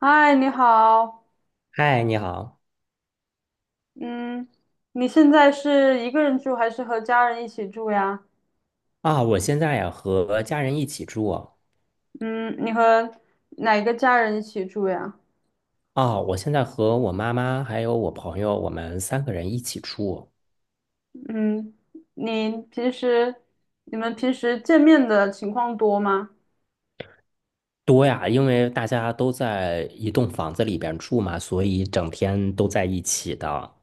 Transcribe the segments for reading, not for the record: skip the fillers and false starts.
嗨，你好，嗨，你好嗯，你现在是一个人住还是和家人一起住呀？啊！我现在呀和家人一起住哦。嗯，哪个家人一起住呀？啊，我现在和我妈妈还有我朋友，我们三个人一起住。嗯，你平时你们平时见面的情况多吗？多呀，因为大家都在一栋房子里边住嘛，所以整天都在一起的。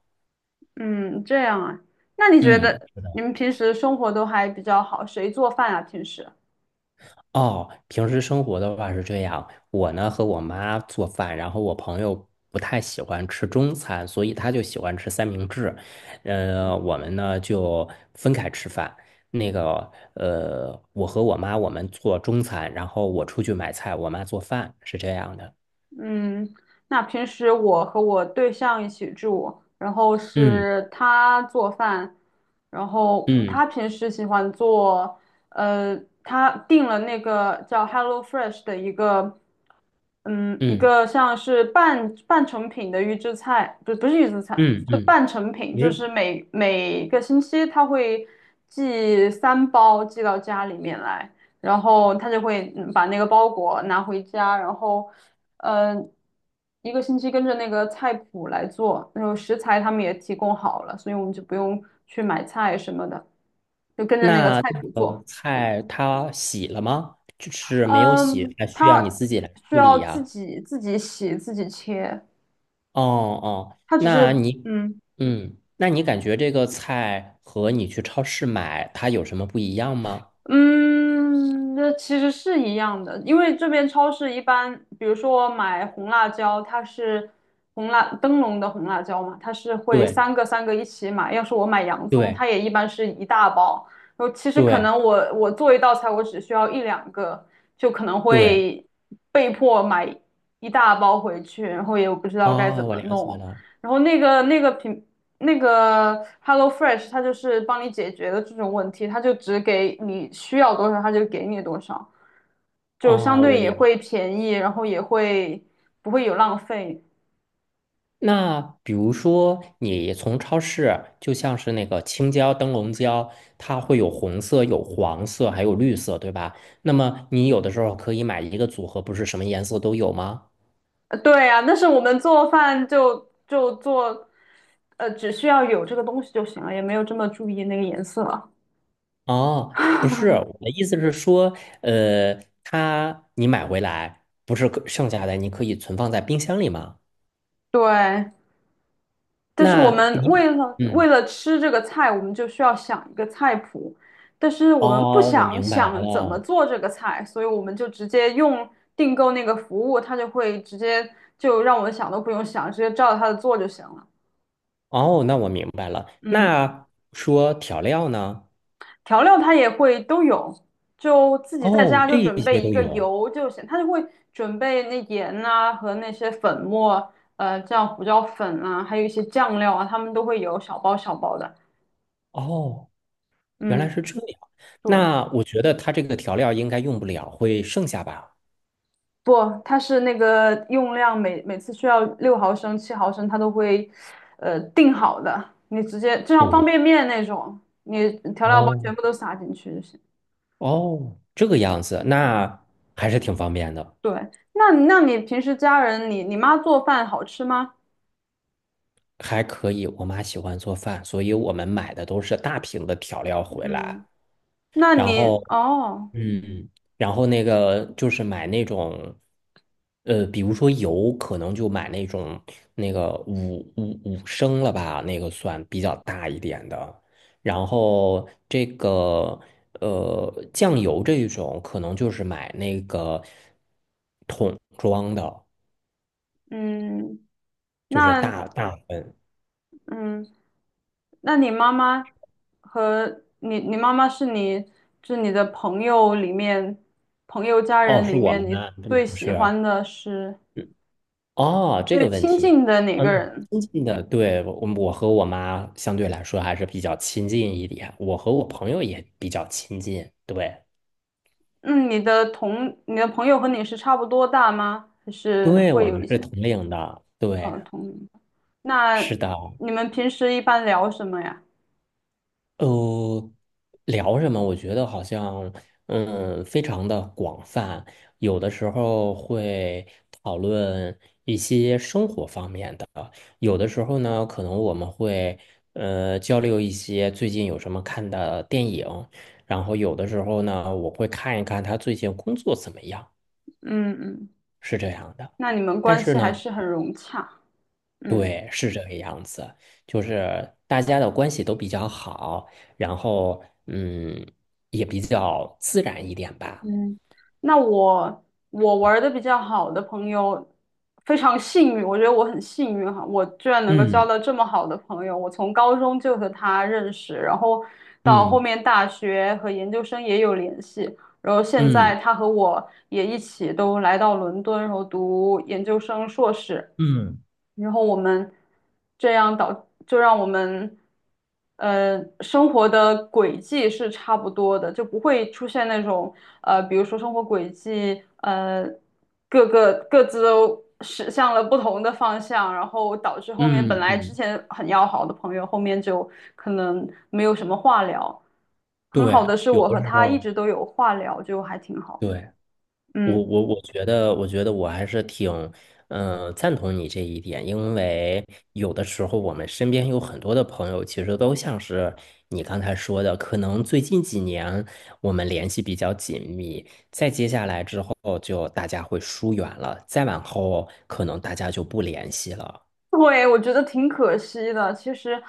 嗯，这样啊，那你觉嗯，得你们平时生活都还比较好，谁做饭啊？平时？哦，平时生活的话是这样，我呢和我妈做饭，然后我朋友不太喜欢吃中餐，所以他就喜欢吃三明治，我们呢就分开吃饭。那个，我和我妈我们做中餐，然后我出去买菜，我妈做饭，是这样的。嗯，那平时我和我对象一起住，然后嗯是他做饭，然后嗯他平时喜欢做，呃，他订了那个叫 HelloFresh 的一个，嗯，一嗯个像是半成品的预制菜，不是预制菜，嗯是嗯，半成品，就嗯。是每个星期他会寄三包寄到家里面来。然后他就会把那个包裹拿回家，然后，嗯，一个星期跟着那个菜谱来做，然后食材他们也提供好了，所以我们就不用去买菜什么的，就跟着那个那菜谱那做。个菜它洗了吗？就是没有洗，嗯，还需要你他自己来需处要理自呀。己自己洗自己切，哦哦，他只是嗯。那你感觉这个菜和你去超市买它有什么不一样吗？嗯，那其实是一样的，因为这边超市一般，比如说我买红辣椒，它是红辣灯笼的红辣椒嘛，它是会对三个三个一起买。要是我买洋葱，对它也一般是一大包。然后其实可对能我做一道菜，我只需要一两个，就可能对，会被迫买一大包回去，然后也不知道该啊，怎我么了解弄。了。然后那个那个品那个 HelloFresh，它就是帮你解决的这种问题，它就只给你需要多少，它就给你多少，就相哦，我对也会了。便宜，然后也会不会有浪费。那比如说，你从超市，就像是那个青椒、灯笼椒，它会有红色、有黄色，还有绿色，对吧？那么你有的时候可以买一个组合，不是什么颜色都有吗？呃对啊，但是我们做饭就做，呃，只需要有这个东西就行了，也没有这么注意那个颜色。哦，不是，我的意思是说，它你买回来不是可剩下的，你可以存放在冰箱里吗？对，但是我那们你，为了为嗯，了吃这个菜，我们就需要想一个菜谱，但是我们不哦，我想明白想怎么了。做这个菜，所以我们就直接用订购那个服务，他就会直接就让我们想都不用想，直接照着他的做就行了。哦，那我明白了。嗯，那说调料呢？调料它也会都有，就自己在哦，家就这一准些备一都个有。油就行，它就会准备那盐啊和那些粉末，呃，这样胡椒粉啊，还有一些酱料啊，他们都会有小包小包的。哦，原来嗯，是这样。对。那我觉得它这个调料应该用不了，会剩下吧？不，它是那个用量每次需要六毫升、七毫升，它都会定好的。你直接就像方哦，便面那种，你调料包全哦，部都撒进去就行。哦，这个样子，嗯，对，那还是挺方便的。对，那那你平时家人，你妈做饭好吃吗？还可以，我妈喜欢做饭，所以我们买的都是大瓶的调料回来。嗯，那然你后，哦，嗯，然后那个就是买那种，比如说油，可能就买那种那个五升了吧，那个算比较大一点的。然后这个酱油这一种，可能就是买那个桶装的，嗯，就是那大大份。嗯，那你妈妈是你是你的朋友里面朋友家哦，人是里我面们你吗？嗯最不喜是。欢的是？嗯哦，这最个问亲题。近的哪个人？亲近的，对，我和我妈相对来说还是比较亲近一点，我和我朋友也比较亲近，对，嗯，你的朋友和你是差不多大吗？还是对，会我有们一是些同龄的，对，呃同龄的？那是的。你们平时一般聊什么呀？呃，聊什么？我觉得好像，非常的广泛，有的时候会讨论一些生活方面的，有的时候呢，可能我们会，交流一些最近有什么看的电影，然后有的时候呢，我会看一看他最近工作怎么样，嗯嗯，是这样的。那你们但关是系还呢，是很融洽。嗯对，是这个样子，就是大家的关系都比较好，然后也比较自然一点吧。嗯，那我玩的比较好的朋友非常幸运，我觉得我很幸运哈，我居然能够交嗯到这么好的朋友。我从高中就和他认识，然后到后嗯面大学和研究生也有联系。然后现在嗯他和我也一起都来到伦敦，然后读研究生、硕士。嗯然后我们这样导，就让我们生活的轨迹是差不多的，就不会出现那种呃，比如说生活轨迹各自都驶向了不同的方向，然后导致后面本嗯来之嗯，前很要好的朋友，后面就可能没有什么话聊。很好对，的是，有我的和时他一候直都有话聊，就还挺好的。对。我嗯，我我觉得，我觉得我还是挺，赞同你这一点，因为有的时候我们身边有很多的朋友，其实都像是你刚才说的，可能最近几年我们联系比较紧密，再接下来之后就大家会疏远了，再往后可能大家就不联系了。对，我觉得挺可惜的。其实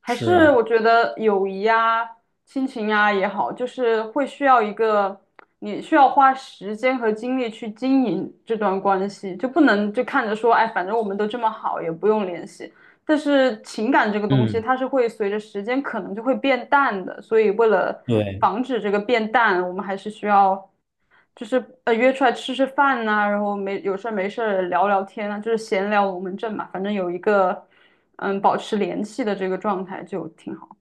还是是，我觉得友谊呀、亲情呀也好，就是会需要一个你需要花时间和精力去经营这段关系，就不能就看着说，哎，反正我们都这么好，也不用联系。但是情感这个东西，嗯，它是会随着时间可能就会变淡的，所以为了对。防止这个变淡，我们还是需要，就是约出来吃吃饭呐、然后没事儿聊聊天啊，就是闲聊龙门阵嘛，反正有一个保持联系的这个状态就挺好。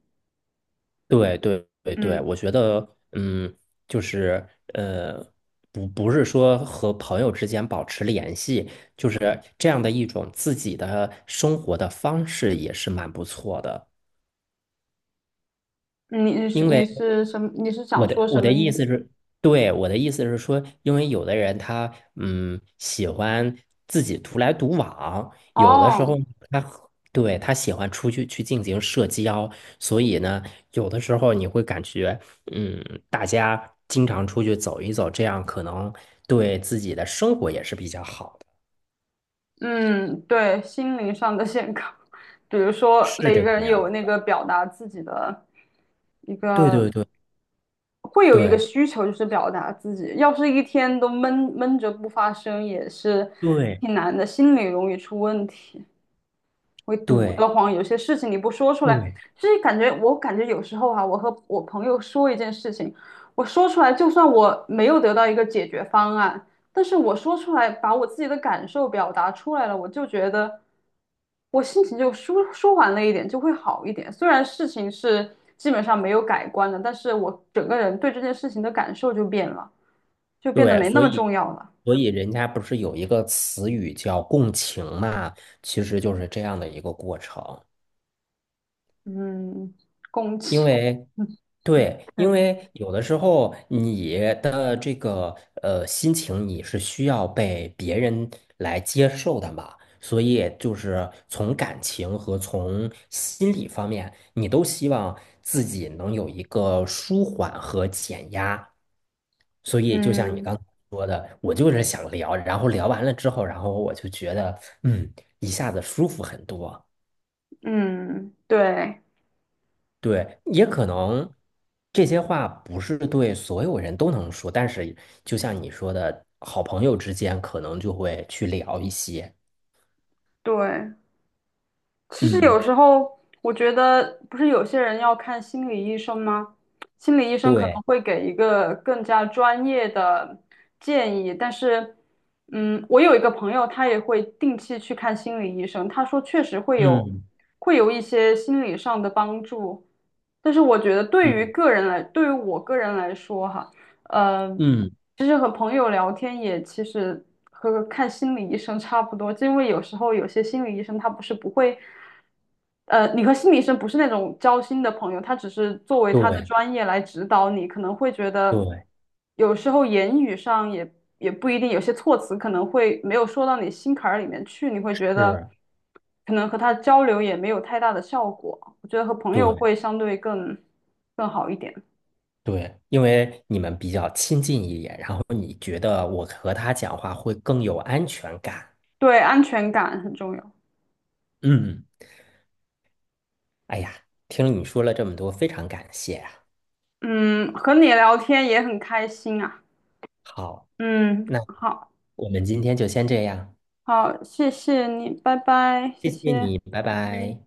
对对对对，嗯，我觉得，嗯，就是呃，不是说和朋友之间保持联系，就是这样的一种自己的生活的方式也是蛮不错的。因你为。是什么？你是想我的说什我么的意意思思？是，对，我的意思是说，因为有的人他喜欢自己独来独往，有的时哦。候他和对他喜欢出去去进行社交，所以呢，有的时候你会感觉嗯，大家经常出去走一走，这样可能对自己的生活也是比较好的，嗯，对，心灵上的健康，比如说是每这个个人有样那子。个表达自己的一对个，对对会有一个对需求，就是表达自己。要是一天都闷着不发声，也是对挺难的，心理容易出问题。会堵对得慌，有些事情你不说出来，对。就是感觉感觉有时候哈，我和我朋友说一件事情，我说出来，就算我没有得到一个解决方案，但是我说出来，把我自己的感受表达出来了，我就觉得我心情就舒缓了一点，就会好一点。虽然事情是基本上没有改观的，但是我整个人对这件事情的感受就变了，就变得对，没那么重要了。所以人家不是有一个词语叫共情嘛，其实就是这样的一个过程。嗯，共因情，为，嗯，对，因对，为有的时候你的这个心情你是需要被别人来接受的嘛，所以就是从感情和从心理方面，你都希望自己能有一个舒缓和减压。所以就像你嗯。刚才说的，我就是想聊，然后聊完了之后，然后我就觉得嗯，一下子舒服很多。嗯，对对，也可能这些话不是对所有人都能说，但是就像你说的，好朋友之间可能就会去聊一些。对，其实嗯，有时候我觉得，不是有些人要看心理医生吗？心理医生可对，能会给一个更加专业的建议，但是，嗯，我有一个朋友，他也会定期去看心理医生，他说确实会有嗯会有一些心理上的帮助，但是我觉得对于嗯个人来，对于我个人来说哈。呃，嗯，其实和朋友聊天也其实和看心理医生差不多，就因为有时候有些心理医生他不是不会，呃，你和心理医生不是那种交心的朋友，他只是作为他的对专业来指导你，可能会觉得对有时候言语上也也不一定，有些措辞可能会没有说到你心坎儿里面去，你会觉得是，可能和他交流也没有太大的效果，我觉得和朋友对会相对更好一点，对，因为你们比较亲近一点，然后你觉得我和他讲话会更有安全感。对，安全感很重要。嗯，哎呀，听你说了这么多，非常感谢啊。嗯，和你聊天也很开心啊。好，嗯，那好，我们今天就先这样，好，谢谢你，拜拜，谢谢谢谢。你，拜嗯。拜。